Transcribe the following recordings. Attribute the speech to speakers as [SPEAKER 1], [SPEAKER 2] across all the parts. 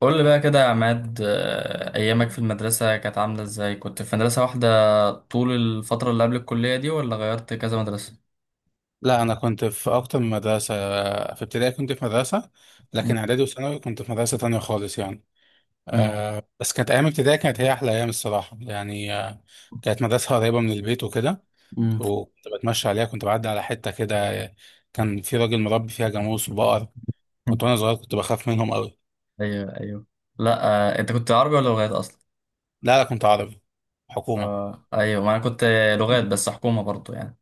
[SPEAKER 1] قول لي بقى كده يا عماد، أيامك في المدرسة كانت عاملة إزاي؟ كنت في مدرسة واحدة طول الفترة اللي قبل الكلية دي ولا غيرت كذا مدرسة؟
[SPEAKER 2] لا انا كنت في اكتر من مدرسه. في ابتدائي كنت في مدرسه، لكن اعدادي وثانوي كنت في مدرسه تانية خالص يعني.
[SPEAKER 1] مم.
[SPEAKER 2] أه بس كانت ايام ابتدائي كانت هي احلى ايام الصراحه يعني. أه كانت مدرسه قريبه من البيت وكده،
[SPEAKER 1] امم
[SPEAKER 2] وكنت بتمشى عليها، كنت بعدي على حته كده. آه، كان في راجل مربي فيها جاموس وبقر. كنت وانا صغير كنت بخاف منهم قوي.
[SPEAKER 1] أيوه، أيوه. لا. أنت كنت عربي ولا لغات أصلا؟
[SPEAKER 2] لا لا كنت عربي، حكومه.
[SPEAKER 1] آه أيوه، ما أنا كنت لغات بس حكومة برضو يعني.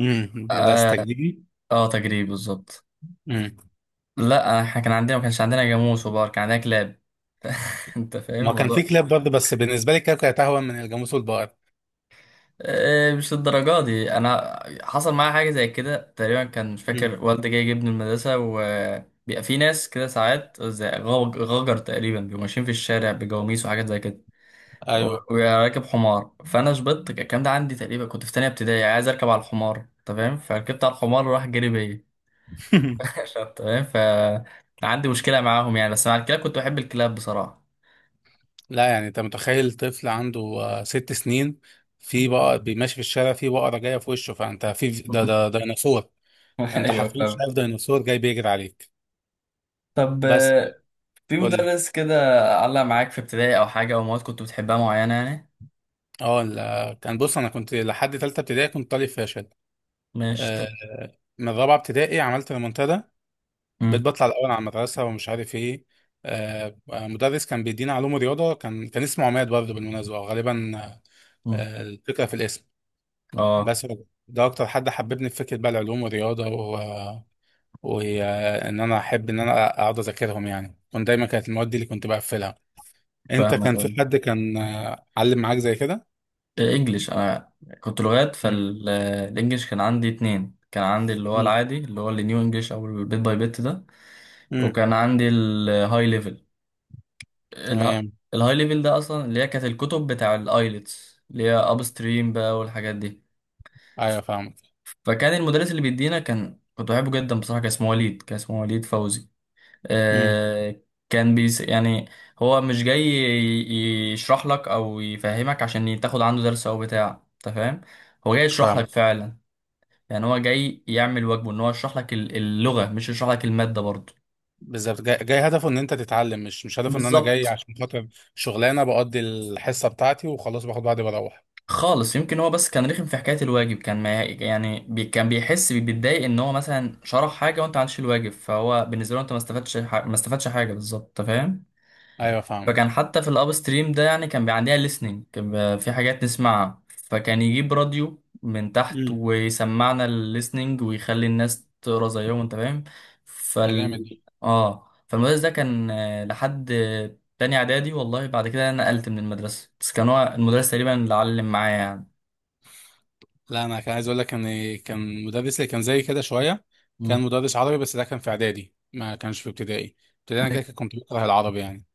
[SPEAKER 2] مدرسه
[SPEAKER 1] أه.
[SPEAKER 2] تجريبي.
[SPEAKER 1] آه، تجريب بالظبط.
[SPEAKER 2] امم
[SPEAKER 1] لا إحنا كان عندنا، ما كانش عندنا جاموس وبار، كان عندنا كلاب. أنت فاهم
[SPEAKER 2] ما كان في
[SPEAKER 1] الموضوع.
[SPEAKER 2] كلاب برضه، بس بالنسبه لي الكلاب كانت اهون من الجاموس والبقر.
[SPEAKER 1] إيه، مش للدرجة دي. انا حصل معايا حاجه زي كده تقريبا، كان مش
[SPEAKER 2] امم،
[SPEAKER 1] فاكر والدي جاي يجيبني المدرسه، وبيبقى في ناس كده ساعات زي غجر تقريبا بيبقوا ماشيين في الشارع بجواميس وحاجات زي كده
[SPEAKER 2] ايوه.
[SPEAKER 1] وراكب حمار، فانا شبطت الكلام ده عندي تقريبا، كنت في تانية ابتدائي عايز اركب على الحمار، انت فاهم، فركبت على الحمار وراح جري بيا. أنت فاهم، ف عندي مشكله معاهم يعني، بس مع الكلاب كنت بحب الكلاب بصراحه.
[SPEAKER 2] لا يعني، انت متخيل طفل عنده ست سنين في بقى بيمشي في الشارع، في بقرة جاية في وشه، فانت في ده ده ده ديناصور. انت
[SPEAKER 1] ايوه
[SPEAKER 2] حرفيا
[SPEAKER 1] فاهم.
[SPEAKER 2] شايف ديناصور جاي بيجري عليك.
[SPEAKER 1] طب
[SPEAKER 2] بس
[SPEAKER 1] في
[SPEAKER 2] قول لي.
[SPEAKER 1] مدرس كده علق معاك في ابتدائي او حاجه، او مواد كنت بتحبها معينه يعني.
[SPEAKER 2] اه ال- كان بص، انا كنت لحد ثالثة ابتدائي كنت طالب فاشل.
[SPEAKER 1] مش تمام.
[SPEAKER 2] آه، من رابعة ابتدائي عملت ريمونتادا، بقيت
[SPEAKER 1] مم،
[SPEAKER 2] بطلع الاول على المدرسة ومش عارف ايه. مدرس كان بيدينا علوم رياضة، كان اسمه عماد برضه بالمناسبة غالبا.
[SPEAKER 1] مم.
[SPEAKER 2] الفكرة في الاسم
[SPEAKER 1] اه
[SPEAKER 2] بس. ده اكتر حد حببني في فكره بقى العلوم والرياضه و... وان انا احب ان انا اقعد اذاكرهم يعني، كنت دايما كانت المواد دي اللي كنت بقفلها. انت
[SPEAKER 1] فاهمك،
[SPEAKER 2] كان في
[SPEAKER 1] أيوة.
[SPEAKER 2] حد كان علم معاك زي كده؟
[SPEAKER 1] الانجليش انا كنت لغات،
[SPEAKER 2] امم.
[SPEAKER 1] فالانجليش كان عندي اتنين، كان عندي اللي هو
[SPEAKER 2] امم.
[SPEAKER 1] العادي اللي هو النيو انجليش او البيت باي بيت ده،
[SPEAKER 2] أمم.
[SPEAKER 1] وكان عندي الهاي ليفل.
[SPEAKER 2] تمام.
[SPEAKER 1] الهاي ليفل ده اصلا اللي هي كانت الكتب بتاع الايلتس، اللي هي اب ستريم بقى والحاجات دي.
[SPEAKER 2] ايوه فاهمك.
[SPEAKER 1] فكان المدرس اللي بيدينا كان، كنت بحبه جدا بصراحه، كان اسمه وليد، كان اسمه وليد فوزي.
[SPEAKER 2] امم.
[SPEAKER 1] آه، كان بيس يعني، هو مش جاي يشرح لك او يفهمك عشان تاخد عنده درس او بتاع، انت فاهم، هو جاي يشرح
[SPEAKER 2] فاهم.
[SPEAKER 1] لك فعلا. يعني هو جاي يعمل واجبه ان هو يشرح لك اللغة، مش يشرح لك المادة برضه.
[SPEAKER 2] بالظبط، جاي هدفه ان انت تتعلم، مش هدفه ان انا جاي
[SPEAKER 1] بالظبط.
[SPEAKER 2] عشان خاطر شغلانه بقضي الحصه بتاعتي وخلاص باخد بعضي بروح.
[SPEAKER 1] خالص، يمكن هو بس كان رخم في حكاية الواجب، كان ما يعني بي، كان بيحس بيتضايق ان هو مثلا شرح حاجة وانت ما عملتش الواجب، فهو بالنسبة له انت ما استفدتش ما استفدتش حاجة بالظبط، انت فاهم.
[SPEAKER 2] ايوه فاهمك.
[SPEAKER 1] فكان حتى في الاب ستريم ده يعني، كان بيبقى عندنا listening، كان بيبقى في حاجات نسمعها، فكان يجيب راديو من تحت
[SPEAKER 2] امم.
[SPEAKER 1] ويسمعنا الليسننج ويخلي الناس تقرا زيهم، انت فاهم.
[SPEAKER 2] ده جامد.
[SPEAKER 1] فال، اه فالمدرس ده كان، لحد تاني اعدادي والله، بعد كده انا نقلت من المدرسه، بس كان هو المدرس تقريبا اللي علم معايا يعني.
[SPEAKER 2] لا انا كان عايز اقول لك ان كان مدرس اللي كان زي كده شويه، كان
[SPEAKER 1] امم
[SPEAKER 2] مدرس عربي، بس ده كان في اعدادي، ما كانش في ابتدائي. ابتدائي انا كده كنت بكره العربي يعني.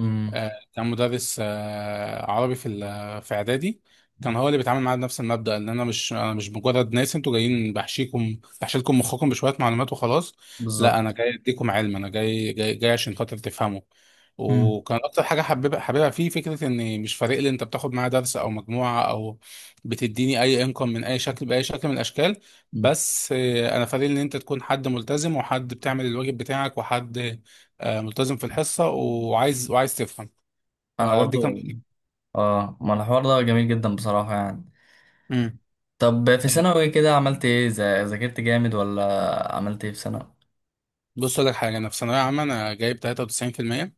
[SPEAKER 1] امم
[SPEAKER 2] كان مدرس عربي في في اعدادي، كان هو اللي بيتعامل معايا بنفس المبدأ ان انا مش مجرد ناس انتوا جايين بحشيكم بحشيلكم مخكم بشوية معلومات وخلاص. لا انا
[SPEAKER 1] بالظبط.
[SPEAKER 2] جاي اديكم علم، انا جاي عشان خاطر تفهموا.
[SPEAKER 1] امم
[SPEAKER 2] وكان اكتر حاجة حبيبها فيه فكرة ان مش فارق لي انت بتاخد معايا درس او مجموعة او بتديني اي، انكم من اي شكل باي شكل من الاشكال. بس انا فارق لي ان انت تكون حد ملتزم، وحد بتعمل الواجب بتاعك، وحد ملتزم في الحصة وعايز تفهم.
[SPEAKER 1] انا
[SPEAKER 2] فدي كان.
[SPEAKER 1] برضو. اه، ما الحوار ده جميل جدا بصراحه يعني.
[SPEAKER 2] امم.
[SPEAKER 1] طب في ثانوي كده عملت ايه، ذاكرت جامد ولا عملت ايه في ثانوي؟
[SPEAKER 2] بص اقول لك حاجه، انا في ثانويه عامه انا جايب 93%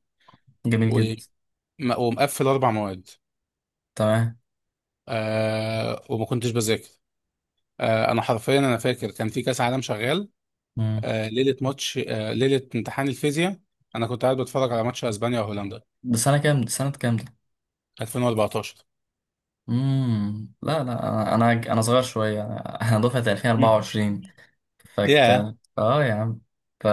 [SPEAKER 1] جميل
[SPEAKER 2] و...
[SPEAKER 1] جدا.
[SPEAKER 2] ومقفل اربع مواد.
[SPEAKER 1] تمام.
[SPEAKER 2] آه، وما كنتش بذاكر. آه، انا حرفيا انا فاكر كان في كاس عالم شغال.
[SPEAKER 1] امم
[SPEAKER 2] آه، ليله ماتش، ليله امتحان الفيزياء انا كنت قاعد بتفرج على ماتش اسبانيا وهولندا.
[SPEAKER 1] ده سنة كام ده، سنة كام ده؟
[SPEAKER 2] 2014.
[SPEAKER 1] لا، لا، انا صغير شوية، انا أنا دفعة
[SPEAKER 2] يا.
[SPEAKER 1] 2024. فك،
[SPEAKER 2] ياه
[SPEAKER 1] اه يا عم، ف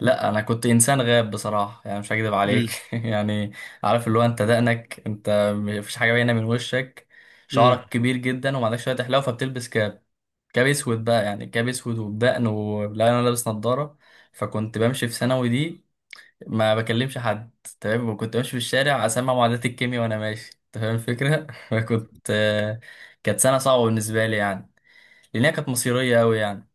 [SPEAKER 1] لا انا كنت انسان غاب بصراحه، يعني مش هكذب عليك يعني، عارف اللي هو انت دقنك، انت مفيش حاجه باينه من وشك،
[SPEAKER 2] امم
[SPEAKER 1] شعرك كبير جدا وما عندكش شويه حلاوه، فبتلبس كاب، كاب اسود بقى، يعني كاب اسود وبدقن، ولا انا لابس نظاره. فكنت بمشي في ثانوي دي ما بكلمش حد، تمام، وكنت بمشي في الشارع اسمع معادلات الكيمياء وانا ماشي، انت فاهم الفكره. فكنت، كانت سنه صعبه بالنسبه لي يعني، لانها كانت مصيريه قوي يعني.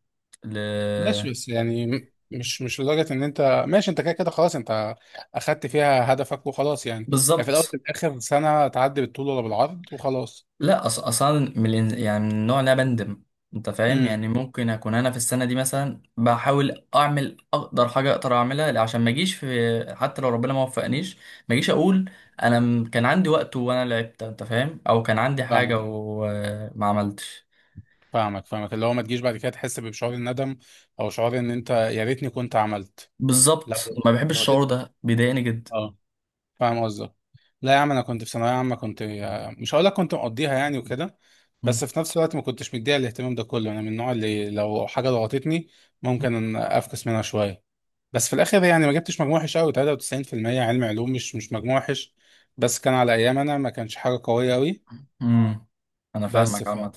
[SPEAKER 1] ل...
[SPEAKER 2] ماشي، بس يعني مش لدرجة ان انت، ماشي، انت كده كده خلاص، انت اخدت فيها هدفك وخلاص يعني. يعني في الاول وفي
[SPEAKER 1] بالظبط.
[SPEAKER 2] الاخر سنة تعدي بالطول ولا بالعرض وخلاص.
[SPEAKER 1] لا اصلا من يعني من النوع اللي انا بندم، انت فاهم
[SPEAKER 2] امم.
[SPEAKER 1] يعني، ممكن اكون انا في السنه دي مثلا بحاول اعمل اقدر حاجه اقدر اعملها عشان ما اجيش، في حتى لو ربنا ما وفقنيش ما اجيش اقول انا، كان عندي وقت وانا لعبت انت فاهم، او كان عندي
[SPEAKER 2] فاهمك،
[SPEAKER 1] حاجه وما عملتش.
[SPEAKER 2] فاهمك، فاهمك، اللي هو ما تجيش بعد كده تحس بشعور الندم، او شعور ان انت يا ريتني كنت عملت. لو
[SPEAKER 1] بالظبط، ما بحبش
[SPEAKER 2] لو
[SPEAKER 1] الشعور
[SPEAKER 2] قدرت.
[SPEAKER 1] ده، بيضايقني جدا.
[SPEAKER 2] اه، فاهم قصدك. لا يا عم، انا كنت في ثانوية عامة كنت، مش هقول لك كنت مقضيها يعني وكده، بس
[SPEAKER 1] مم.
[SPEAKER 2] في نفس الوقت ما كنتش مديها الاهتمام ده كله. انا من النوع اللي لو حاجة ضغطتني ممكن أن افكس منها شوية، بس في الاخر يعني ما جبتش مجموع وحش قوي، 93%. علم علوم، مش مجموع وحش، بس كان على ايام انا ما كانش حاجه قويه قوي.
[SPEAKER 1] مم. انا
[SPEAKER 2] بس
[SPEAKER 1] فاهمك
[SPEAKER 2] ف
[SPEAKER 1] عامه.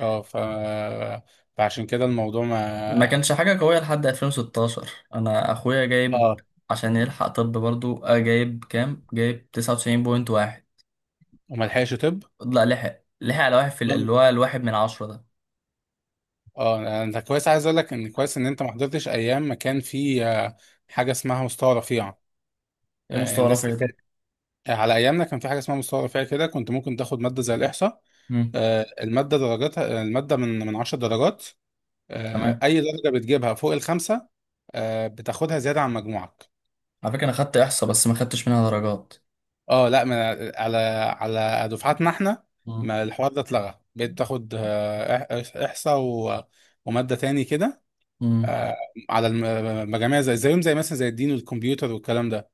[SPEAKER 2] اه ف فعشان كده الموضوع
[SPEAKER 1] ما
[SPEAKER 2] ما.
[SPEAKER 1] كانش حاجة قوية لحد 2016، أنا أخويا جايب
[SPEAKER 2] اه
[SPEAKER 1] عشان يلحق طب برضو، جايب كام؟ جايب 99.1.
[SPEAKER 2] وما لحقش طب.
[SPEAKER 1] لا لحق، لحق على واحد في اللي هو الواحد من عشرة ده.
[SPEAKER 2] اه، انت كويس، عايز اقول لك ان كويس ان انت ما حضرتش ايام ما كان في حاجه اسمها مستوى رفيع.
[SPEAKER 1] إيه مستوى
[SPEAKER 2] الناس
[SPEAKER 1] رفيع
[SPEAKER 2] اللي
[SPEAKER 1] ده؟
[SPEAKER 2] كانت على ايامنا، كان في حاجه اسمها مستوى رفيع كده، كنت ممكن تاخد ماده زي الاحصاء.
[SPEAKER 1] مم.
[SPEAKER 2] الماده درجاتها، الماده من 10 درجات.
[SPEAKER 1] تمام.
[SPEAKER 2] اي درجه بتجيبها فوق الخمسه، بتاخدها زياده عن مجموعك.
[SPEAKER 1] على فكرة أنا خدت إحصاء بس ما خدتش منها درجات.
[SPEAKER 2] اه، لا ما. على على دفعاتنا احنا
[SPEAKER 1] مم.
[SPEAKER 2] ما الحوار ده اتلغى، بقيت تاخد احصاء وماده تاني كده،
[SPEAKER 1] مم.
[SPEAKER 2] آه، المجاميع زي زيهم زي مثلا زي الدين والكمبيوتر والكلام ده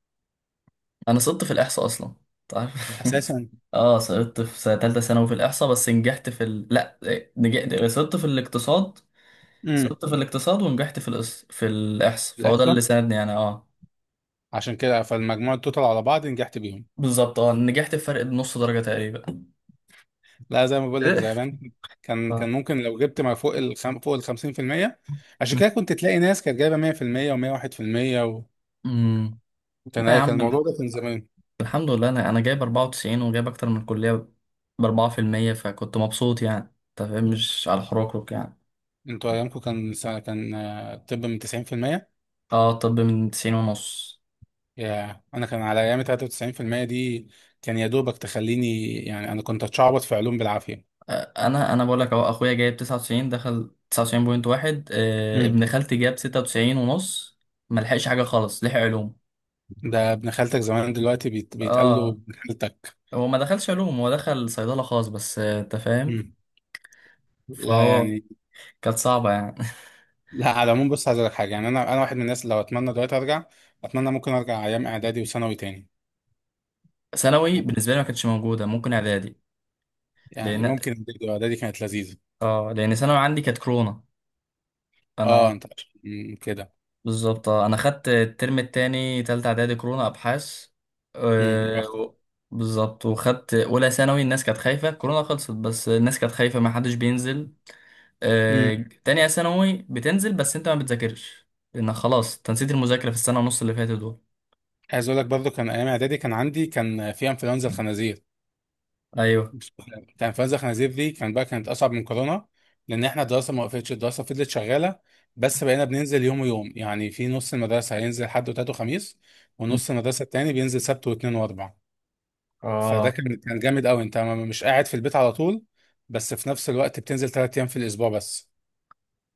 [SPEAKER 1] أنا سقطت في الإحصاء أصلا، تعرف.
[SPEAKER 2] اساسا.
[SPEAKER 1] آه سقطت في سنة تالتة ثانوي في الإحصاء، بس نجحت في ال... لا إيه، نجحت، سقطت في الاقتصاد.
[SPEAKER 2] امم
[SPEAKER 1] سقطت في الاقتصاد ونجحت في في الإحصاء، فهو ده اللي
[SPEAKER 2] الاحصاء،
[SPEAKER 1] ساعدني أنا. آه
[SPEAKER 2] عشان كده فالمجموع التوتال على بعض نجحت بيهم.
[SPEAKER 1] بالظبط، اه نجحت بفرق نص درجة تقريبا.
[SPEAKER 2] لا زي ما بقول لك،
[SPEAKER 1] إيه؟
[SPEAKER 2] زي ما كان
[SPEAKER 1] ف...
[SPEAKER 2] كان ممكن لو جبت ما فوق فوق ال 50%. عشان كده كنت تلاقي ناس كانت جايبه 100% و101%.
[SPEAKER 1] امم
[SPEAKER 2] كان
[SPEAKER 1] لا يا
[SPEAKER 2] كان
[SPEAKER 1] عم،
[SPEAKER 2] الموضوع ده كان زمان.
[SPEAKER 1] الحمد لله انا، انا جايب 94 وجايب اكتر من الكلية ب 4%، فكنت مبسوط يعني، انت فاهم، مش على الحروك يعني.
[SPEAKER 2] انتوا ايامكم كان الطب من 90%.
[SPEAKER 1] اه، طب من 90 ونص.
[SPEAKER 2] يا، انا كان على ايامي 93% دي كان يا دوبك تخليني يعني، انا كنت اتشعبط في علوم بالعافيه.
[SPEAKER 1] انا بقول لك اهو، اخويا جايب 99 دخل 99.1،
[SPEAKER 2] امم.
[SPEAKER 1] ابن خالتي جاب 96 ونص، ما لحقش حاجة خالص، لحق علوم.
[SPEAKER 2] ده ابن خالتك زمان دلوقتي بيتقال له
[SPEAKER 1] اه،
[SPEAKER 2] ابن خالتك.
[SPEAKER 1] هو ما دخلش علوم، هو دخل صيدلة خاص بس، انت فاهم.
[SPEAKER 2] امم. لا
[SPEAKER 1] فهو
[SPEAKER 2] يعني.
[SPEAKER 1] كانت صعبة يعني.
[SPEAKER 2] لا على العموم، بص عايز اقول لك حاجه يعني، انا واحد من الناس لو اتمنى دلوقتي ارجع، اتمنى ممكن ارجع ايام اعدادي وثانوي تاني.
[SPEAKER 1] ثانوي بالنسبه لي ما كانتش موجوده، ممكن اعدادي،
[SPEAKER 2] يعني
[SPEAKER 1] لان،
[SPEAKER 2] ممكن إعدادي كانت لذيذه.
[SPEAKER 1] اه لان ثانوي عندي كانت كورونا.
[SPEAKER 2] اه،
[SPEAKER 1] انا
[SPEAKER 2] انت كده.
[SPEAKER 1] بالظبط، انا خدت الترم التاني تالتة اعدادي كورونا ابحاث،
[SPEAKER 2] امم. يا
[SPEAKER 1] آه، و- بالظبط، وخدت اولى ثانوي الناس كانت خايفه، كورونا خلصت بس الناس كانت خايفه، ما حدش بينزل.
[SPEAKER 2] بختك.
[SPEAKER 1] آه، تانية ثانوي بتنزل بس انت ما بتذاكرش، لان خلاص انت نسيت المذاكره في السنه ونص اللي فاتت دول.
[SPEAKER 2] عايز اقول لك برضه كان ايام اعدادي كان عندي كان في انفلونزا الخنازير.
[SPEAKER 1] ايوه،
[SPEAKER 2] كان انفلونزا الخنازير دي كان بقى كانت اصعب من كورونا، لان احنا الدراسه ما وقفتش، الدراسه فضلت شغاله، بس بقينا بننزل يوم ويوم يعني، في نص المدرسه هينزل حد وتلات وخميس، ونص المدرسه التاني بينزل سبت واثنين واربع. فده
[SPEAKER 1] اه
[SPEAKER 2] كان جامد قوي، انت مش قاعد في البيت على طول، بس في نفس الوقت بتنزل ثلاث ايام في الاسبوع بس.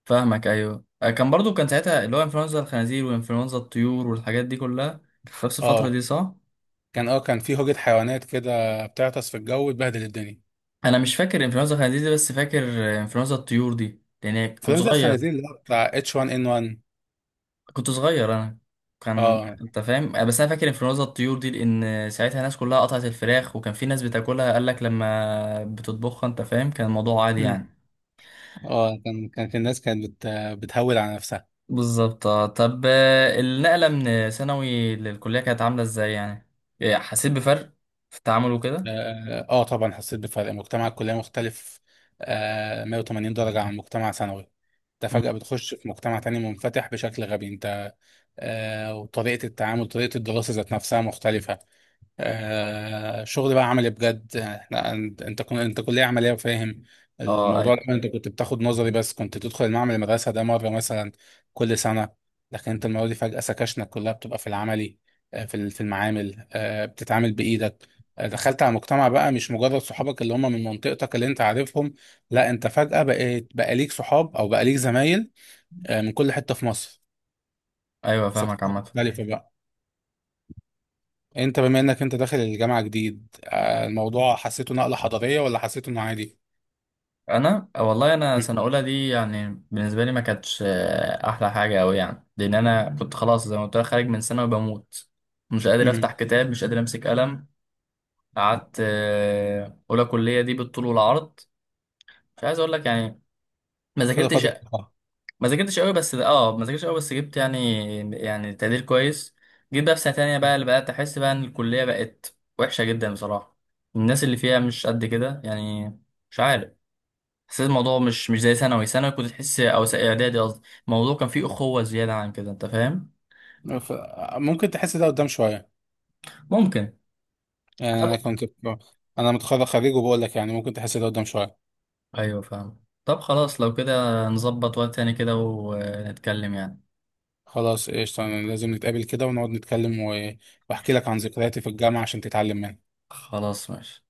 [SPEAKER 1] فاهمك ايوه. كان برضو كان ساعتها اللي هو انفلونزا الخنازير وانفلونزا الطيور والحاجات دي كلها في نفس الفتره
[SPEAKER 2] اه،
[SPEAKER 1] دي، صح؟
[SPEAKER 2] كان في هوجة حيوانات كده بتعطس في الجو وتبهدل الدنيا.
[SPEAKER 1] انا مش فاكر انفلونزا الخنازير دي، بس فاكر انفلونزا الطيور دي لان كنت
[SPEAKER 2] انفلونزا
[SPEAKER 1] صغير.
[SPEAKER 2] الخنازير اللي هو بتاع H1N1.
[SPEAKER 1] كنت صغير انا، كان
[SPEAKER 2] اه
[SPEAKER 1] انت فاهم، بس انا فاكر انفلونزا الطيور دي، لان ساعتها الناس كلها قطعت الفراخ، وكان في ناس بتاكلها، قال لك لما بتطبخها انت فاهم، كان الموضوع عادي يعني.
[SPEAKER 2] اه كان كانت الناس كانت بتهول على نفسها.
[SPEAKER 1] بالظبط. آه. طب، النقله من ثانوي للكليه كانت عامله ازاي يعني، حسيت بفرق في التعامل وكده؟
[SPEAKER 2] اه، طبعا حسيت بفرق. مجتمع الكلية مختلف آه 180 درجة عن مجتمع ثانوي. انت فجأة
[SPEAKER 1] مم.
[SPEAKER 2] بتخش في مجتمع تاني منفتح بشكل غبي، انت. وطريقة التعامل، طريقة الدراسة ذات نفسها مختلفة. آه، شغل بقى عملي بجد احنا. انت كلية عملية وفاهم
[SPEAKER 1] اه
[SPEAKER 2] الموضوع
[SPEAKER 1] أيوه.
[SPEAKER 2] ده، انت كنت بتاخد نظري بس كنت تدخل المعمل المدرسة ده مرة مثلا كل سنة، لكن انت المرة دي فجأة سكاشنك كلها بتبقى في العملي، في المعامل، بتتعامل بإيدك. دخلت على مجتمع بقى، مش مجرد صحابك اللي هم من منطقتك اللي انت عارفهم، لا انت فجأة بقيت بقى ليك صحاب او بقى ليك زمايل من كل حتة في مصر،
[SPEAKER 1] ايوه فاهمك
[SPEAKER 2] ثقافات
[SPEAKER 1] عامه.
[SPEAKER 2] مختلفة بقى. انت بما انك انت داخل الجامعة جديد، الموضوع حسيته نقلة حضارية ولا حسيته انه عادي؟
[SPEAKER 1] انا والله، انا
[SPEAKER 2] مم.
[SPEAKER 1] سنه اولى دي يعني بالنسبه لي ما كانتش احلى حاجه قوي يعني، لان انا كنت خلاص زي ما قلت لك خارج من سنه وبموت، مش قادر افتح
[SPEAKER 2] مم.
[SPEAKER 1] كتاب مش قادر امسك قلم. قعدت اولى كليه دي بالطول والعرض، مش عايز اقول لك يعني ما
[SPEAKER 2] خد
[SPEAKER 1] ذاكرتش.
[SPEAKER 2] فترة
[SPEAKER 1] ما ذاكرتش قوي بس اه ما ذاكرتش قوي، بس جبت يعني، يعني تقدير كويس. جيت بقى في سنه تانية بقى اللي بقى احس بقى ان الكليه بقت وحشه جدا بصراحه، الناس اللي فيها مش قد كده يعني، مش عارف، حسيت الموضوع مش زي ثانوي، ثانوي كنت تحس، او اعدادي قصدي، الموضوع كان فيه اخوه زياده عن كده، انت فاهم.
[SPEAKER 2] ف- ممكن تحس ده قدام شوية.
[SPEAKER 1] ممكن.
[SPEAKER 2] يعني
[SPEAKER 1] طب
[SPEAKER 2] انا متخرج خريج وبقول لك يعني، ممكن تحس ده قدام شوية.
[SPEAKER 1] ايوه فاهم، طب خلاص لو كده نظبط وقت تاني كده ونتكلم يعني.
[SPEAKER 2] خلاص قشطة، أنا لازم نتقابل كده ونقعد نتكلم، و... واحكي لك عن ذكرياتي في الجامعة عشان تتعلم منها.
[SPEAKER 1] خلاص ماشي.